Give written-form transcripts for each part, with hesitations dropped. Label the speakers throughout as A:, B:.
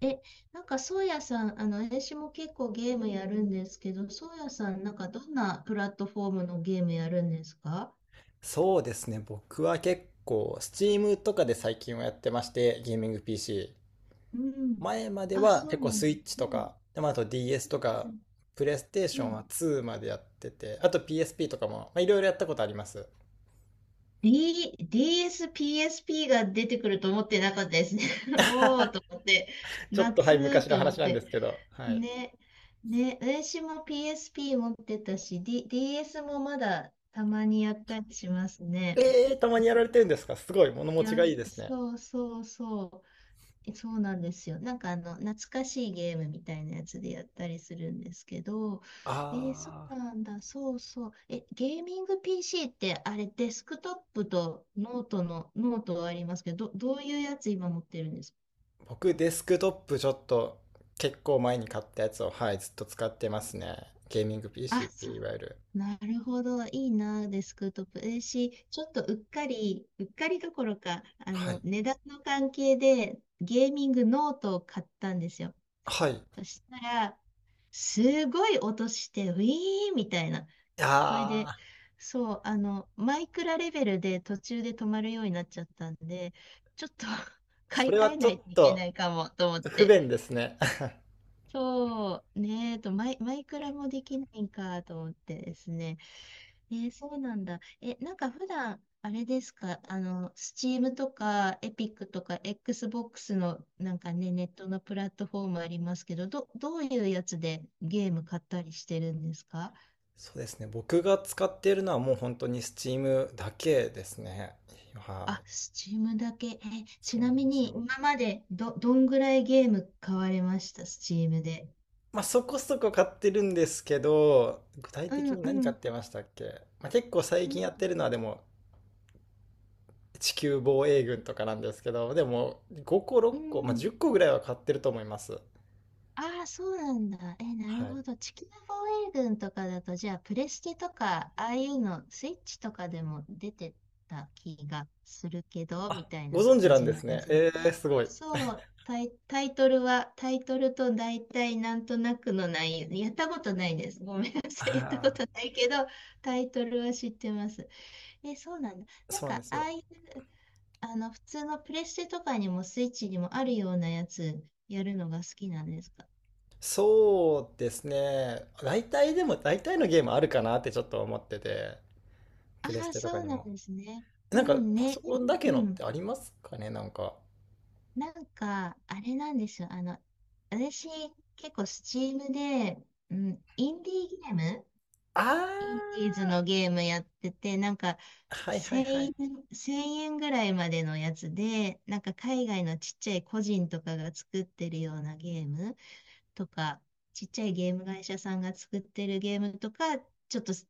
A: え、なんか、そうやさん、あの、私も結構ゲームやるんですけど、そうやさん、なんか、どんなプラットフォームのゲームやるんですか？
B: そうですね。僕は結構、Steam とかで最近はやってまして、ゲーミング PC。
A: うん。
B: 前まで
A: あ、
B: は
A: そ
B: 結
A: う
B: 構
A: なんだ。
B: Switch と
A: うん、
B: か、でまああと DS と
A: う
B: か、
A: ん。
B: PlayStation
A: う
B: は
A: ん、
B: 2までやってて、あと PSP とかも、まあ、いろいろやったことあります。
A: DS、PSP が出てくると思ってなかったですね。おーと思って、
B: ちょっとはい、
A: 夏
B: 昔の
A: と思っ
B: 話なんで
A: て。
B: すけど、はい。
A: ね、ね、私も PSP 持ってたし、DS もまだたまにやったりしますね。
B: たまにやられてるんですかすごい、物
A: い
B: 持ち
A: や、
B: がいいですね。
A: そうそうそう。そうなんですよ。なんか、あの、懐かしいゲームみたいなやつでやったりするんですけど、えー、そ
B: あ
A: うなんだ、そうそう。え、ゲーミング PC ってあれ、デスクトップとノートの、ノートはありますけど、どういうやつ今持ってるんですか？
B: 僕デスクトップちょっと結構前に買ったやつを、はい、ずっと使ってますね。ゲーミング
A: あ、
B: PC っていう
A: そう。
B: いわゆる。
A: なるほど。いいな、デスクトップ。えーし、ちょっとうっかり、うっかりどころか、あ
B: は
A: の、
B: い。
A: 値段の関係でゲーミングノートを買ったんですよ。
B: はい。
A: そしたら、すごい音して、ウィーンみたいな。それで、
B: ああ、
A: そう、あの、マイクラレベルで途中で止まるようになっちゃったんで、ちょっと 買
B: そ
A: い
B: れは
A: 替え
B: ちょ
A: ないと
B: っ
A: いけな
B: と
A: いかもと思っ
B: 不
A: て。
B: 便ですね。
A: そう、ねえと、マイクラもできないんかと思ってですね。えー、そうなんだ。え、なんか普段、あれですか、あの、Steam とか、エピックとか、Xbox の、なんかね、ネットのプラットフォームありますけど、どういうやつでゲーム買ったりしてるんですか？
B: そうですね。僕が使っているのはもう本当に Steam だけですね。は
A: あ、
B: い。
A: Steam だけ。え、ち
B: そう
A: な
B: なん
A: み
B: です
A: に、
B: よ。
A: 今までどんぐらいゲーム買われました？ Steam で。
B: まあそこそこ買ってるんですけど、具体
A: う
B: 的
A: ん、
B: に何
A: う
B: 買っ
A: ん、
B: てましたっけ、まあ結構最
A: う
B: 近やって
A: ん、
B: るのはでも地球防衛軍とかなんですけど、でも5個
A: う
B: 6個、まあ
A: ん。
B: 10個ぐらいは買ってると思います。
A: ああ、そうなんだ。え、なる
B: はい。
A: ほど。地球防衛軍とかだと、じゃあ、プレステとか、ああいうの、スイッチとかでも出てた気がするけど、み
B: あ、
A: たい
B: ご
A: な
B: 存知
A: 感
B: なん
A: じ
B: で
A: の
B: す
A: や
B: ね。
A: つ。
B: すごい。
A: そう、タイトルは、タイトルと大体なんとなくの内容、やったことないです。ごめんなさい。やったこ
B: あ
A: とないけど、タイトルは知ってます。え、そうなんだ。
B: あ、
A: なん
B: そうな
A: か、
B: んです
A: あ
B: よ。
A: あいう、あの、普通のプレステとかにもスイッチにもあるようなやつ、やるのが好きなんですか？
B: そうですね。大体のゲームあるかなってちょっと思ってて、
A: あ
B: プレス
A: あ、
B: テと
A: そ
B: か
A: う
B: に
A: な
B: も。
A: んですね。う
B: なんか、
A: ん
B: パ
A: ね、
B: ソコン
A: で、
B: だけ
A: う
B: のって
A: ん。
B: ありますかね、なんか。
A: なんか、あれなんですよ。あの、私、結構スチームで、うん、
B: あー、
A: インディーズのゲームやってて、なんか、
B: はいはい
A: 1000
B: はい。
A: 円、1円ぐらいまでのやつで、なんか海外のちっちゃい個人とかが作ってるようなゲームとか、ちっちゃいゲーム会社さんが作ってるゲームとか、ちょっと好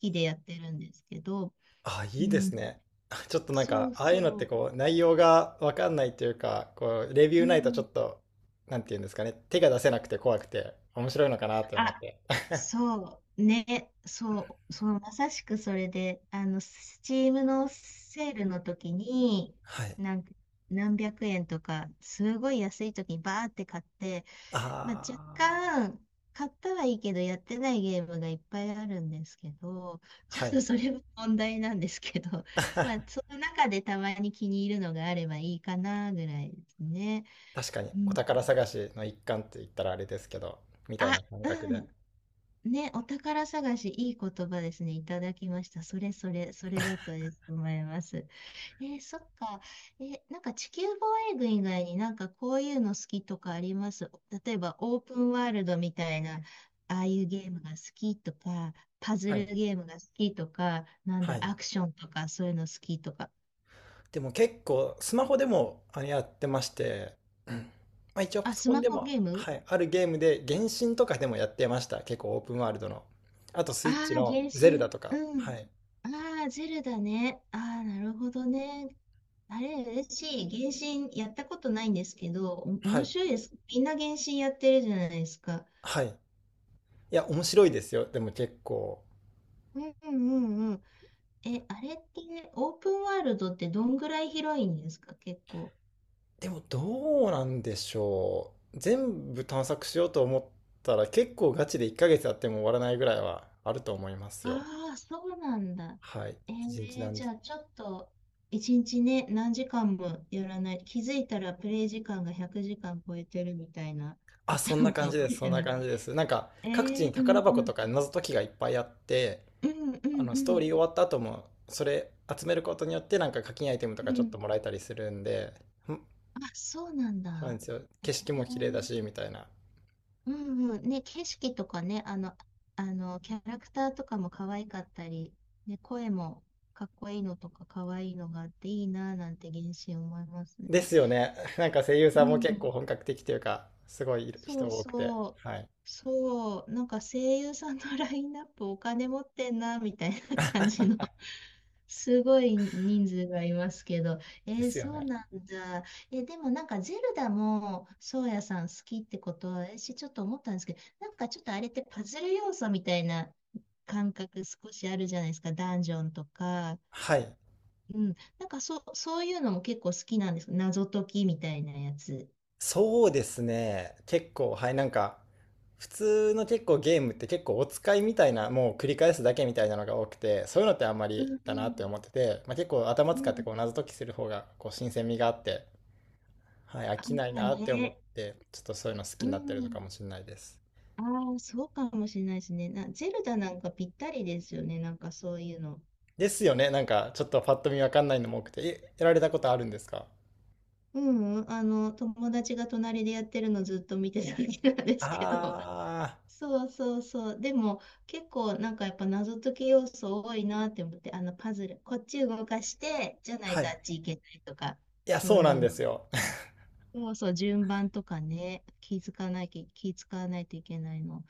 A: きでやってるんですけど、
B: あ、
A: う
B: いいです
A: ん、
B: ね。あちょっとなん
A: そ
B: か、
A: う
B: ああいうのっ
A: そ
B: て
A: う。
B: こう、内容がわかんないというか、こう、レビュ
A: う
B: ーないとちょ
A: ん。
B: っと、なんていうんですかね、手が出せなくて怖くて、面白いのかなって思っ
A: あ、
B: て。
A: そう、ね、そう、そう、まさしくそれで、あの、スチームのセールの時に、
B: はい。
A: なんか、何百円とか、すごい安い時にバーって買って、まあ、若
B: あー、
A: 干、買ったはいいけど、やってないゲームがいっぱいあるんですけど、ちょ
B: は
A: っ
B: い。
A: とそれも問題なんですけど、まあ、その中でたまに気に入るのがあればいいかな、ぐらいですね。
B: 確かに、
A: う
B: お
A: ん。
B: 宝探しの一環って言ったらあれですけど、みたいな
A: あ、
B: 感覚
A: う
B: で。
A: ん。ね、お宝探し、いい言葉ですね。いただきました。それそれ、それだと思います。えー、そっか。えー、なんか地球防衛軍以外になんかこういうの好きとかあります？例えばオープンワールドみたいな、ああいうゲームが好きとか、パズ
B: は
A: ル
B: い。
A: ゲームが好きとか、なんだ
B: はい。
A: ろう、アクションとか、そういうの好きとか。
B: でも結構、スマホでもあれやってまして、うん、まあ一応パ
A: あ、
B: ソ
A: ス
B: コン
A: マ
B: で
A: ホ
B: も、
A: ゲー
B: は
A: ム。
B: い、あるゲームで、原神とかでもやってました。結構オープンワールドの。あとス
A: あ
B: イッチ
A: あー、
B: の
A: 原
B: ゼル
A: 神。
B: ダとか。
A: う
B: は
A: ん。
B: い。
A: ああ、ゼルダね。ああ、なるほどね。あれ嬉し、原神やったことないんですけど、お、
B: は
A: 面
B: い。
A: 白いです。みんな原神やってるじゃないですか。
B: はい。いや、面白いですよ。でも結構。
A: うんうんうん。え、あれってオープンワールドってどんぐらい広いんですか？結構。
B: でもどうなんでしょう。全部探索しようと思ったら結構ガチで1ヶ月やっても終わらないぐらいはあると思いますよ。
A: ああ、そうなんだ。
B: はい。
A: え
B: 一日
A: ー、
B: 何
A: じ
B: 時。
A: ゃあちょっと、一日ね、何時間もやらない。気づいたらプレイ時間が100時間超えてるみたいな
B: あ、
A: パタ
B: そん
A: ー
B: な
A: ンか
B: 感
A: も
B: じです。
A: し
B: そん
A: れ
B: な
A: ない。
B: 感じです。なんか、
A: え
B: 各地に
A: ー、うん
B: 宝箱
A: う
B: と
A: ん。
B: か謎解きがいっぱいあって、
A: うんう
B: あ
A: ん
B: の、ス
A: う
B: トー
A: ん。
B: リー終わった後も、それ集めることによって、なんか課金アイテムと
A: う
B: かちょっ
A: ん。
B: ともらえたりするんで、ん、
A: あ、そうなん
B: そうなん
A: だ。
B: ですよ。景色
A: え
B: も綺麗だ
A: ー、
B: し、みたいな。
A: うんうん。ね、景色とかね、あの、キャラクターとかも可愛かったり、ね、声もかっこいいのとか可愛いのがあっていいなぁなんて原神思います
B: で
A: ね。
B: すよね。なんか声優さ
A: う
B: んも結構
A: ん。
B: 本格的というか、すごい
A: そ
B: 人
A: う
B: 多くて。
A: そう。
B: はい。
A: そう。なんか声優さんのラインナップお金持ってんなみたいな感じの。すごい人数がいますけど、え
B: で
A: ー、
B: すよ
A: そう
B: ね。
A: なんだ。えー、でもなんかゼルダも、そうやさん好きってことは、私ちょっと思ったんですけど、なんかちょっとあれってパズル要素みたいな感覚少しあるじゃないですか、ダンジョンとか。
B: はい。
A: うん、なんかそう、そういうのも結構好きなんです、謎解きみたいなやつ。
B: そうですね。結構、はい、なんか、普通の結構ゲームって結構お使いみたいな、もう繰り返すだけみたいなのが多くて、そういうのってあんま
A: うん
B: り
A: う
B: だなって思
A: ん
B: ってて、まあ、結構頭
A: う
B: 使ってこう
A: ん。
B: 謎解きする方がこう新鮮味があって、はい、飽
A: あ
B: きない
A: あ
B: なって思っ
A: ね。
B: て、ちょっとそういうの好き
A: う
B: になってるのか
A: ん。
B: もしれないです。
A: ああ、そうかもしれないですね。な、ゼルダなんかぴったりですよね。なんかそういうの。
B: ですよね。なんか、ちょっとパッと見わかんないのも多くて、え、やられたことあるんですか？
A: ううん、あの、友達が隣でやってるのずっと見てただけなんです
B: あ
A: けど。そうそうそう。でも、結構なんかやっぱ謎解き要素多いなって思って、あのパズル、こっち動かして、じゃ
B: あ
A: ない
B: ー、は
A: とあ
B: い。
A: っち行けないとか、
B: いや、
A: そ
B: そ
A: う
B: うな
A: い
B: ん
A: う
B: で
A: の。
B: すよ。
A: そうそう、順番とかね、気づかなきゃ、気使わないといけないの。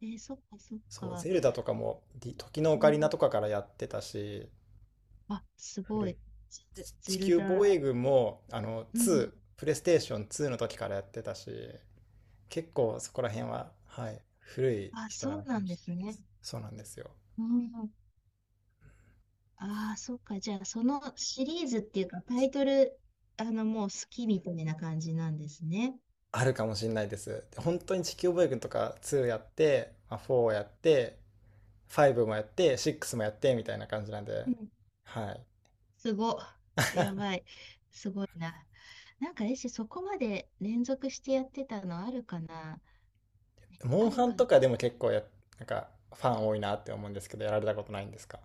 A: えー、そっかそっ
B: そう、
A: か。
B: ゼルダとかも、ディ時のオ
A: う
B: カリ
A: ん。
B: ナとかからやってたし、
A: あ、すご
B: 古い。
A: い。
B: 地
A: ゼル
B: 球防
A: ダ。
B: 衛軍も、あの、
A: うん。
B: ープレイステーション2の時からやってたし、結構そこら辺は、はい、古い
A: あ、
B: 人な
A: そう
B: のか
A: な
B: も
A: んで
B: しれ
A: す
B: ないで
A: ね。
B: す。そうなんですよ。
A: うん。ああ、そっか。じゃあ、そのシリーズっていうか、タイトル、あの、もう好きみたいな感じなんですね。
B: あるかもしれないです。本当に地球防衛軍とか2やって、まあ、4をやって、5もやって、6もやって、みたいな感じなんで、
A: うん。
B: はい。
A: すご。やば い。すごいな。なんか、えし、そこまで連続してやってたのあるかな？
B: モン
A: ある
B: ハン
A: か
B: とかで
A: な？
B: も結構や、なんか、ファン多いなって思うんですけど、やられたことないんですか？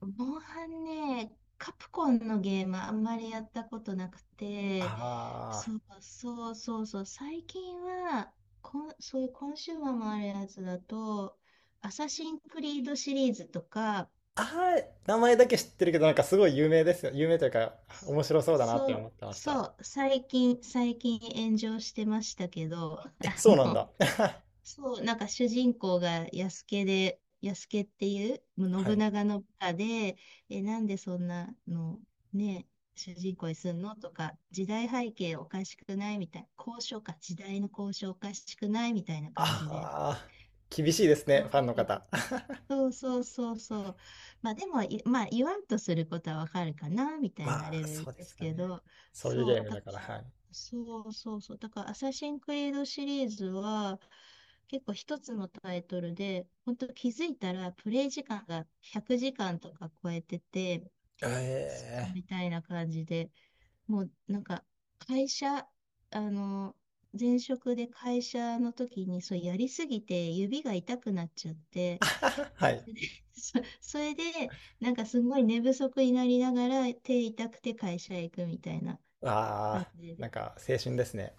A: モンハンね、カプコンのゲームあんまりやったことなくて、
B: ああ
A: そうそうそうそう、最近は、こん、そういうコンシューマーもあるやつだと、アサシンクリードシリーズとか、
B: 名前だけ知ってるけど、なんかすごい有名ですよ。有名というか、
A: そ
B: 面白そうだなって
A: そ
B: 思っ
A: う、
B: てまし
A: そ
B: た。
A: う、最近、最近炎上してましたけど、あ
B: え、そうなん
A: の、
B: だ。
A: そう、なんか主人公が安家で、安家っていう
B: は
A: 信
B: い。
A: 長の部下で、え、なんでそんなの、ね、主人公にすんのとか、時代背景おかしくない、みたいな、交渉か、時代の交渉おかしくない、みたいな感じで、
B: ああ、厳しいです
A: そ
B: ね、ファンの
A: う
B: 方。
A: そうそうそうそう。まあでもい、まあ言わんとすることはわかるかな、みたいな
B: ま
A: レ
B: あ、
A: ベル
B: そうで
A: です
B: すよ
A: け
B: ね。
A: ど、
B: そういう
A: そ
B: ゲ
A: う、
B: ーム
A: だ
B: だ
A: か
B: から、は
A: ら、
B: い。
A: そうそうそう。だから、アサシンクリードシリーズは、結構一つのタイトルで、本当気づいたらプレイ時間が100時間とか超えてて、そう
B: ええ
A: みたいな感じで、もうなんか会社、あの、前職で会社の時にそうやりすぎて指が痛くなっちゃって、
B: ー は
A: そ
B: い。
A: それで、なんかすごい寝不足になりながら手痛くて会社へ行くみたいな
B: あ
A: 感
B: あ、
A: じ
B: な
A: で。
B: んか青春ですね。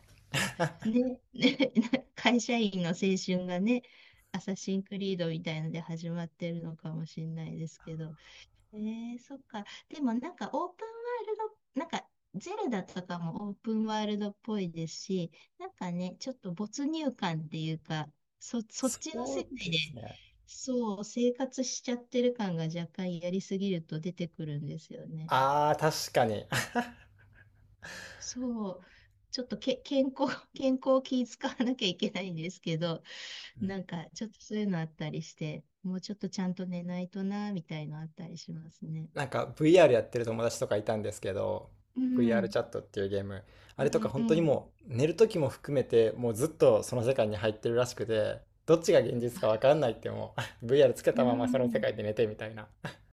A: ね、ね、会社員の青春がね、アサシンクリードみたいので始まってるのかもしれないですけど。えー、そっか。でもなんかオープンワールド、なんかゼルダとかもオープンワールドっぽいですし、なんかね、ちょっと没入感っていうか、そっ
B: そ
A: ちの世
B: う
A: 界
B: で
A: で、
B: すね。
A: そう、生活しちゃってる感が若干やりすぎると出てくるんですよね。
B: ああ、確かに。
A: そう、ちょっと健康、健康を気遣わなきゃいけないんですけど、なんかちょっとそういうのあったりして、もうちょっとちゃんと寝ないとな、みたいのあったりしますね。
B: なんか VR やってる友達とかいたんですけど、
A: う
B: VR
A: ん、
B: チャットっていうゲーム、あ
A: う
B: れとか
A: ん、う
B: 本当に
A: ん。
B: もう寝る時も含めてもうずっとその世界に入ってるらしくて、どっちが現実かわかんないってもう VR つけ
A: う
B: たままその世
A: ん。
B: 界で寝てみたいな